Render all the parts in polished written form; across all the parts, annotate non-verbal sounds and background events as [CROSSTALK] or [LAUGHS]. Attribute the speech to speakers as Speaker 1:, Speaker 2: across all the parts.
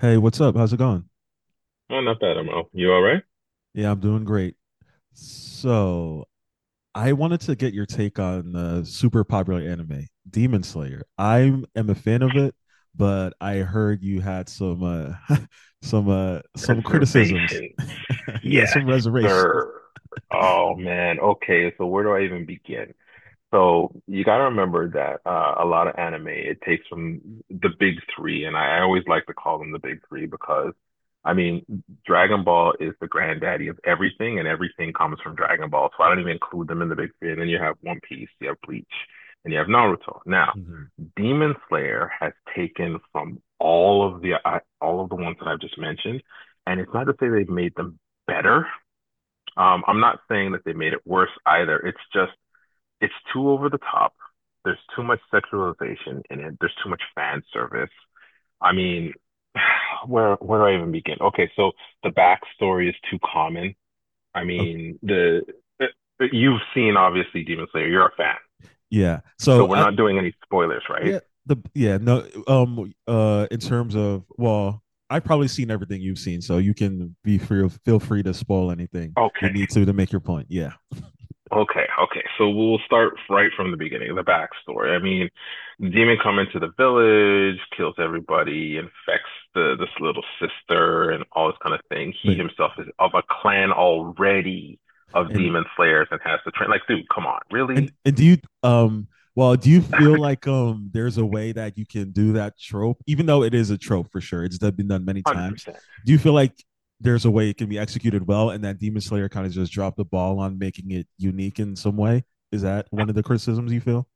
Speaker 1: Hey, what's up? How's it going?
Speaker 2: Oh, not bad, ML. You all right?
Speaker 1: Yeah, I'm doing great. So, I wanted to get your take on the super popular anime, Demon Slayer. I am a fan of it, but I heard you had some [LAUGHS] some criticisms.
Speaker 2: Reservations.
Speaker 1: [LAUGHS] Yeah,
Speaker 2: Yes,
Speaker 1: some reservations.
Speaker 2: sir. Oh man. Okay, so where do I even begin? So you gotta remember that a lot of anime it takes from the big three, and I always like to call them the big three because I mean Dragon Ball is the granddaddy of everything, and everything comes from Dragon Ball. So I don't even include them in the big three. And then you have One Piece, you have Bleach, and you have Naruto. Now
Speaker 1: Hmm.
Speaker 2: Demon Slayer has taken from all of the ones that I've just mentioned, and it's not to say they've made them better. I'm not saying that they made it worse either. It's just it's too over the top. There's too much sexualization in it. There's too much fan service. I mean, [SIGHS] where do I even begin? Okay, so the backstory is too common. I
Speaker 1: Okay.
Speaker 2: mean, the uh, you've seen obviously Demon Slayer. You're a fan,
Speaker 1: Yeah.
Speaker 2: so
Speaker 1: So,
Speaker 2: we're
Speaker 1: I
Speaker 2: not doing any spoilers, right?
Speaker 1: yeah, the yeah, no, in terms of, well, I've probably seen everything you've seen, so you can be free feel free to spoil anything you
Speaker 2: Okay,
Speaker 1: need to make your point. Yeah.
Speaker 2: Okay, okay. So we'll start right from the beginning, the backstory. I mean, demon come into the village, kills everybody, infects the this little sister and all this kind of thing. He
Speaker 1: But
Speaker 2: himself is of a clan already of
Speaker 1: and
Speaker 2: demon slayers and has to train. Like, dude, come on, really?
Speaker 1: And do you um well, do you feel like there's a way that you can do that trope, even though it is a trope, for sure it's been done many times.
Speaker 2: 100%.
Speaker 1: Do you feel like there's a way it can be executed well, and that Demon Slayer kind of just dropped the ball on making it unique in some way? Is that one of the criticisms you feel?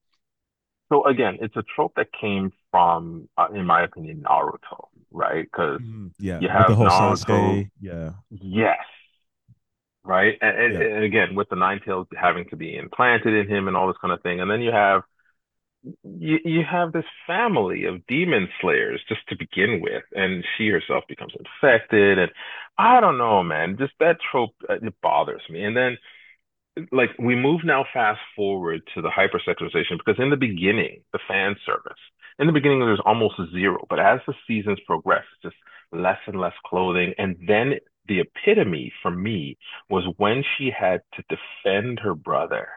Speaker 2: So again, it's a trope that came from, in my opinion, Naruto, right? Because
Speaker 1: Mhm. Yeah,
Speaker 2: you
Speaker 1: with the
Speaker 2: have
Speaker 1: whole
Speaker 2: Naruto,
Speaker 1: Sasuke. Yeah.
Speaker 2: yes, right?
Speaker 1: Yeah.
Speaker 2: Again, with the nine tails having to be implanted in him and all this kind of thing, and then you have this family of demon slayers just to begin with, and she herself becomes infected, and I don't know, man, just that trope it bothers me. And then like we move now fast forward to the hypersexualization because in the beginning, the fan service, in the beginning there's almost zero, but as the seasons progress, it's just less and less clothing. And then the epitome for me was when she had to defend her brother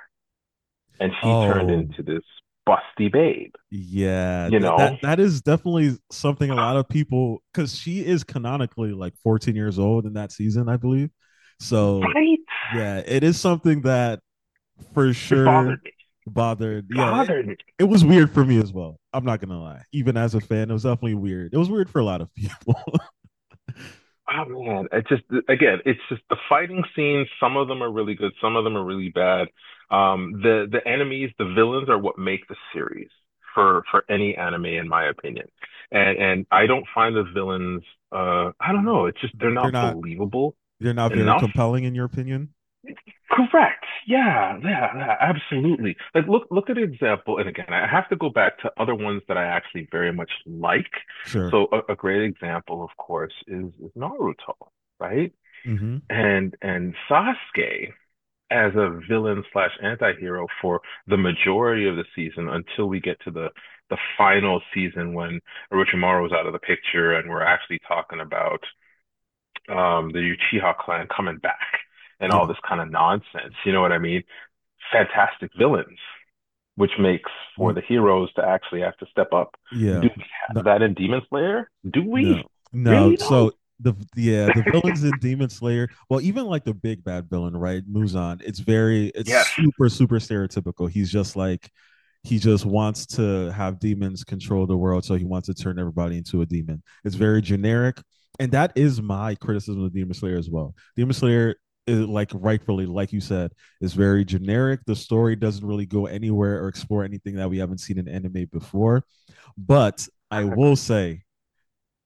Speaker 2: and she turned
Speaker 1: Oh,
Speaker 2: into this busty babe,
Speaker 1: yeah,
Speaker 2: you
Speaker 1: that that
Speaker 2: know?
Speaker 1: that is definitely something a
Speaker 2: [GASPS]
Speaker 1: lot of people, because she is canonically like 14 years old in that season, I believe. So
Speaker 2: Right?
Speaker 1: yeah, it is something that for
Speaker 2: It
Speaker 1: sure
Speaker 2: bothered me.
Speaker 1: bothered. Yeah, it,
Speaker 2: Bothered me.
Speaker 1: it was weird for me as well. I'm not gonna lie. Even as a fan, it was definitely weird. It was weird for a lot of people. [LAUGHS]
Speaker 2: Oh man, it's just again, it's just the fighting scenes. Some of them are really good, some of them are really bad. The enemies, the villains, are what make the series for any anime, in my opinion. And I don't find the villains. I don't know. It's just they're
Speaker 1: they're
Speaker 2: not
Speaker 1: not
Speaker 2: believable
Speaker 1: they're not very
Speaker 2: enough.
Speaker 1: compelling, in your opinion.
Speaker 2: Correct. Yeah, yeah, yeah, absolutely. Like look at an example, and again, I have to go back to other ones that I actually very much like.
Speaker 1: Sure.
Speaker 2: So a great example, of course, is Naruto, right?
Speaker 1: Mm-hmm.
Speaker 2: And Sasuke as a villain slash anti-hero for the majority of the season until we get to the final season when Orochimaru is out of the picture and we're actually talking about the Uchiha clan coming back and all
Speaker 1: Yeah.
Speaker 2: this kind of nonsense. You know what I mean? Fantastic villains, which makes for
Speaker 1: You,
Speaker 2: the heroes to actually have to step up. Do
Speaker 1: yeah.
Speaker 2: we
Speaker 1: No,
Speaker 2: have that in Demon Slayer? Do we
Speaker 1: no, no.
Speaker 2: really though?
Speaker 1: So, the yeah, the villains in Demon Slayer, well, even like the big bad villain, right? Muzan. It's
Speaker 2: Yes,
Speaker 1: super, super stereotypical. He's just like, he just wants to have demons control the world, so he wants to turn everybody into a demon. It's very generic, and that is my criticism of Demon Slayer as well. Demon Slayer is, like, rightfully, like you said, is very generic. The story doesn't really go anywhere or explore anything that we haven't seen in anime before. But I will
Speaker 2: exactly.
Speaker 1: say,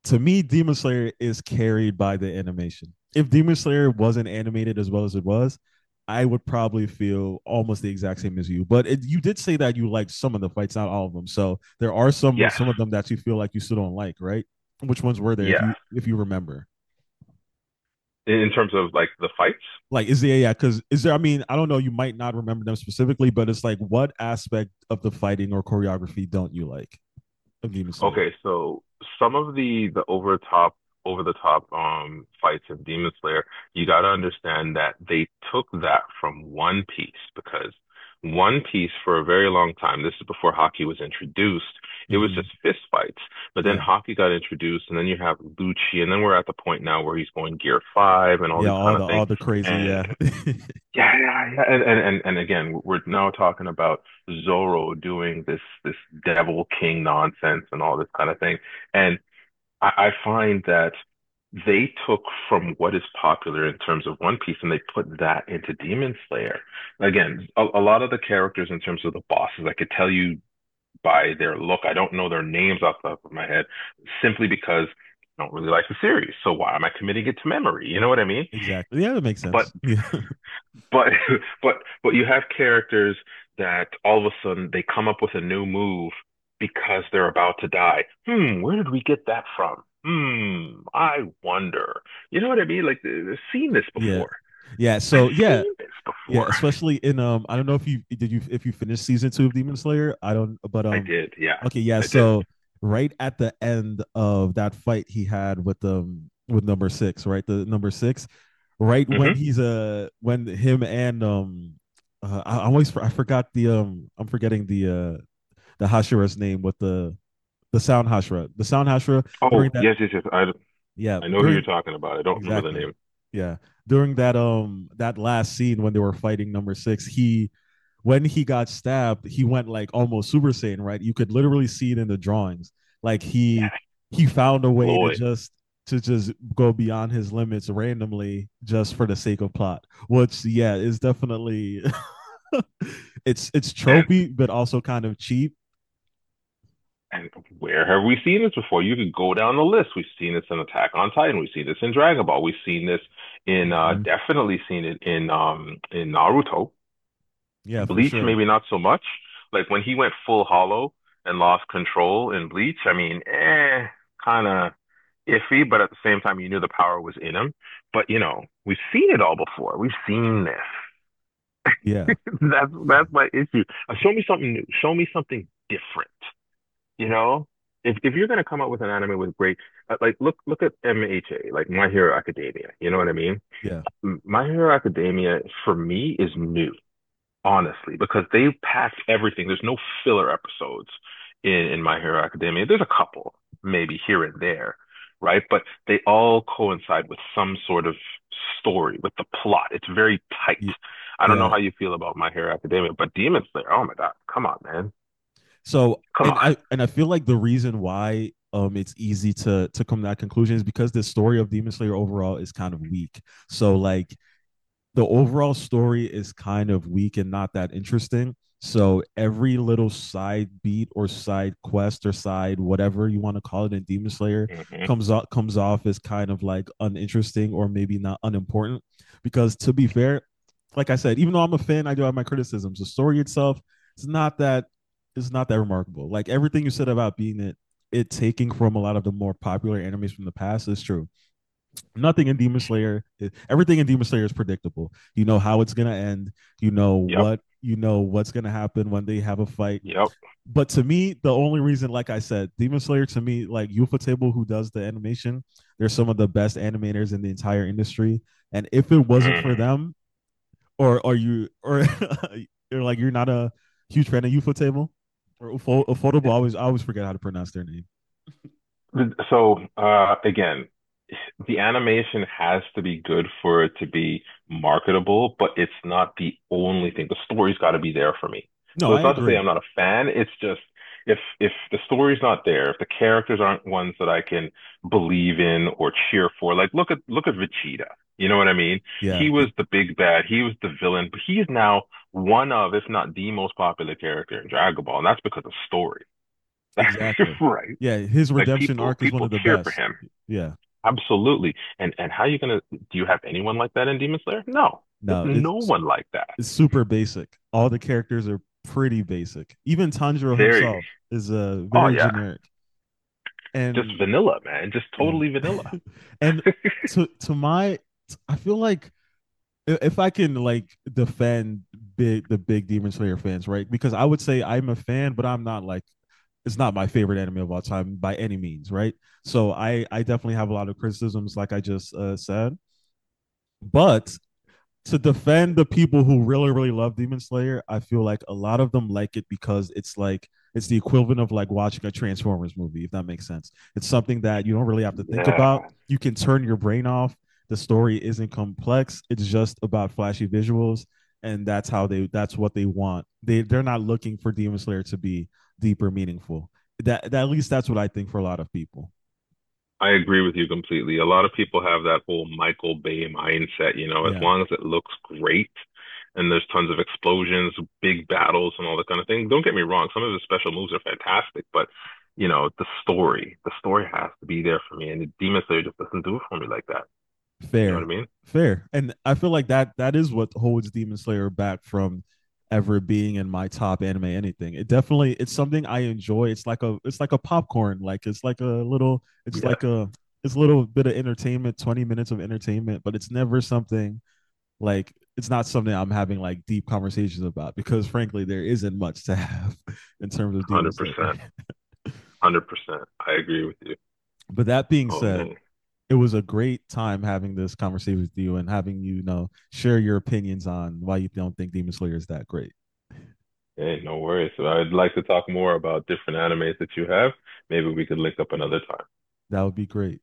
Speaker 1: to me, Demon Slayer is carried by the animation. If Demon Slayer wasn't animated as well as it was, I would probably feel almost the exact same as you. But, you did say that you liked some of the fights, not all of them. So there are some
Speaker 2: Yes,
Speaker 1: some of them that you feel like you still don't like, right? Which ones were there, if
Speaker 2: yes.
Speaker 1: you remember?
Speaker 2: In terms of like the fights.
Speaker 1: Like, is there, yeah? Because, is there? I mean, I don't know. You might not remember them specifically, but it's like, what aspect of the fighting or choreography don't you like of Demon Slayer?
Speaker 2: Okay, so some of the over top over the top fights in Demon Slayer, you got to understand that they took that from One Piece because One Piece for a very long time, this is before hockey was introduced, it was
Speaker 1: Mm-hmm.
Speaker 2: just fist fights. But then
Speaker 1: Yeah,
Speaker 2: hockey got introduced, and then you have Lucci, and then we're at the point now where he's going Gear Five and all
Speaker 1: yeah.
Speaker 2: these kind
Speaker 1: All the
Speaker 2: of things.
Speaker 1: all the crazy.
Speaker 2: And
Speaker 1: Yeah, [LAUGHS]
Speaker 2: yeah, yeah, yeah. And again, we're now talking about Zorro doing this devil king nonsense and all this kind of thing. And I find that they took from what is popular in terms of One Piece and they put that into Demon Slayer. Again, a lot of the characters in terms of the bosses, I could tell you by their look. I don't know their names off the top of my head, simply because I don't really like the series. So why am I committing it to memory? You know what I mean?
Speaker 1: exactly. Yeah, that makes
Speaker 2: But
Speaker 1: sense. Yeah.
Speaker 2: but [LAUGHS] but but you have characters that all of a sudden they come up with a new move because they're about to die. Hmm, where did we get that from? Hmm, I wonder. You know what I mean? Like, I've seen this
Speaker 1: Yeah.
Speaker 2: before.
Speaker 1: Yeah.
Speaker 2: I've
Speaker 1: So yeah.
Speaker 2: seen this
Speaker 1: Yeah.
Speaker 2: before.
Speaker 1: Especially in I don't know if you did you if you finished season two of Demon Slayer. I don't, but
Speaker 2: I did, yeah,
Speaker 1: okay, yeah.
Speaker 2: I did.
Speaker 1: So right at the end of that fight he had with number six, right? The number six, right when
Speaker 2: Hmm.
Speaker 1: he's when him and, I forgot the I'm forgetting the Hashira's name with the sound Hashira. The sound Hashira during
Speaker 2: Oh,
Speaker 1: that.
Speaker 2: yes, yes, yes.
Speaker 1: Yeah,
Speaker 2: I know who you're
Speaker 1: during.
Speaker 2: talking about. I don't remember the
Speaker 1: Exactly.
Speaker 2: name.
Speaker 1: Yeah. During that last scene when they were fighting number six, he when he got stabbed, he went, like, almost Super Saiyan, right? You could literally see it in the drawings. Like,
Speaker 2: Yeah,
Speaker 1: he found a way to
Speaker 2: Gloy.
Speaker 1: just to just go beyond his limits randomly, just for the sake of plot. Which, yeah, is definitely, [LAUGHS] it's
Speaker 2: And
Speaker 1: tropey, but also kind of cheap.
Speaker 2: And where have we seen this before? You could go down the list. We've seen this in Attack on Titan. We've seen this in Dragon Ball. We've seen this in
Speaker 1: Mm-hmm.
Speaker 2: definitely seen it in Naruto.
Speaker 1: Yeah, for
Speaker 2: Bleach,
Speaker 1: sure.
Speaker 2: maybe not so much. Like when he went full hollow and lost control in Bleach, I mean, eh, kind of iffy, but at the same time, you knew the power was in him. But you know, we've seen it all before. We've seen this.
Speaker 1: Yeah.
Speaker 2: [LAUGHS] That's my issue. Show me something new. Show me something different. You know, if you're gonna come up with an anime with great, like look at MHA, like My Hero Academia. You know what I mean?
Speaker 1: Yeah.
Speaker 2: My Hero Academia for me is new, honestly, because they packed everything. There's no filler episodes in My Hero Academia. There's a couple maybe here and there, right? But they all coincide with some sort of story, with the plot. It's very tight.
Speaker 1: Yeah.
Speaker 2: I don't know
Speaker 1: Yeah,
Speaker 2: how you feel about My Hero Academia, but Demon Slayer, oh my God, come on, man.
Speaker 1: so,
Speaker 2: Come
Speaker 1: and
Speaker 2: on.
Speaker 1: I and I feel like the reason why it's easy to come to that conclusion is because the story of Demon Slayer overall is kind of weak. So, like, the overall story is kind of weak and not that interesting. So every little side beat or side quest or side whatever you want to call it in Demon Slayer
Speaker 2: Hmm.
Speaker 1: comes off as kind of, like, uninteresting, or maybe not, unimportant. Because, to be fair, like I said, even though I'm a fan, I do have my criticisms. The story itself, it's not that it's not that remarkable. Like, everything you said about, being it it taking from a lot of the more popular animes from the past is true. Nothing in Demon Slayer, eh, everything in Demon Slayer is predictable. You know how it's gonna end. You know
Speaker 2: Yep.
Speaker 1: what you know what's gonna happen when they have a fight.
Speaker 2: Yep.
Speaker 1: But to me, the only reason, like I said, Demon Slayer to me, like Ufotable, who does the animation, they're some of the best animators in the entire industry. And if it wasn't for
Speaker 2: Mm.
Speaker 1: them. Or are you, or [LAUGHS] you're, like, you're not a huge fan of Ufotable, or Affordable? I always forget how to pronounce their name.
Speaker 2: So again, the animation has to be good for it to be marketable, but it's not the only thing. The story's got to be there for me.
Speaker 1: No,
Speaker 2: So
Speaker 1: I
Speaker 2: it's not to say
Speaker 1: agree.
Speaker 2: I'm not a fan. It's just if the story's not there, if the characters aren't ones that I can believe in or cheer for, like look at Vegeta. You know what I mean?
Speaker 1: Yeah,
Speaker 2: He was the big bad. He was the villain, but he's now one of, if not the most popular character in Dragon Ball, and that's because of story.
Speaker 1: exactly.
Speaker 2: [LAUGHS] Right.
Speaker 1: Yeah, his
Speaker 2: Like
Speaker 1: redemption arc is one
Speaker 2: people
Speaker 1: of the
Speaker 2: cheer for
Speaker 1: best.
Speaker 2: him.
Speaker 1: Yeah.
Speaker 2: Absolutely. And how are you gonna do you have anyone like that in Demon Slayer? No. You have
Speaker 1: No,
Speaker 2: no
Speaker 1: it's
Speaker 2: one like that.
Speaker 1: it's super basic. All the characters are pretty basic. Even Tanjiro
Speaker 2: Very.
Speaker 1: himself is,
Speaker 2: Oh
Speaker 1: very
Speaker 2: yeah.
Speaker 1: generic.
Speaker 2: Just
Speaker 1: And
Speaker 2: vanilla, man. Just
Speaker 1: yeah.
Speaker 2: totally vanilla.
Speaker 1: [LAUGHS] And, to my I feel like, if I can, like, defend big the big Demon Slayer fans, right? Because I would say I'm a fan, but I'm not, like, it's not my favorite anime of all time by any means, right? So, I definitely have a lot of criticisms, like I just, said. But to defend the people who really really love Demon Slayer, I feel like a lot of them like it because it's like, it's the equivalent of like watching a Transformers movie, if that makes sense. It's something that you don't really have to think about.
Speaker 2: Yeah.
Speaker 1: You can turn your brain off. The story isn't complex. It's just about flashy visuals, and that's what they want. They're not looking for Demon Slayer to be deep or meaningful. That, that At least, that's what I think for a lot of people.
Speaker 2: I agree with you completely. A lot of people have that whole Michael Bay mindset, you know, as
Speaker 1: Yeah.
Speaker 2: long as it looks great and there's tons of explosions, big battles and all that kind of thing. Don't get me wrong, some of the special moves are fantastic, but you know, the story has to be there for me. And Demon Slayer just doesn't do it for me like that. You know what
Speaker 1: Fair,
Speaker 2: I mean?
Speaker 1: fair, and I feel like that that is what holds Demon Slayer back from ever being in my top anime anything. It's something I enjoy. It's like a popcorn. Like, it's like a little
Speaker 2: Yes,
Speaker 1: it's a little bit of entertainment, 20 minutes of entertainment, but it's never something, like, it's not something I'm having, like, deep conversations about, because frankly there isn't much to [LAUGHS] have in terms of Demon
Speaker 2: hundred
Speaker 1: Slayer.
Speaker 2: percent, 100%. I agree with you.
Speaker 1: But that being
Speaker 2: Oh
Speaker 1: said,
Speaker 2: man,
Speaker 1: it was a great time having this conversation with you and having you, you know share your opinions on why you don't think Demon Slayer is that great.
Speaker 2: hey, no worries. So I'd like to talk more about different animes that you have. Maybe we could link up another time.
Speaker 1: That would be great.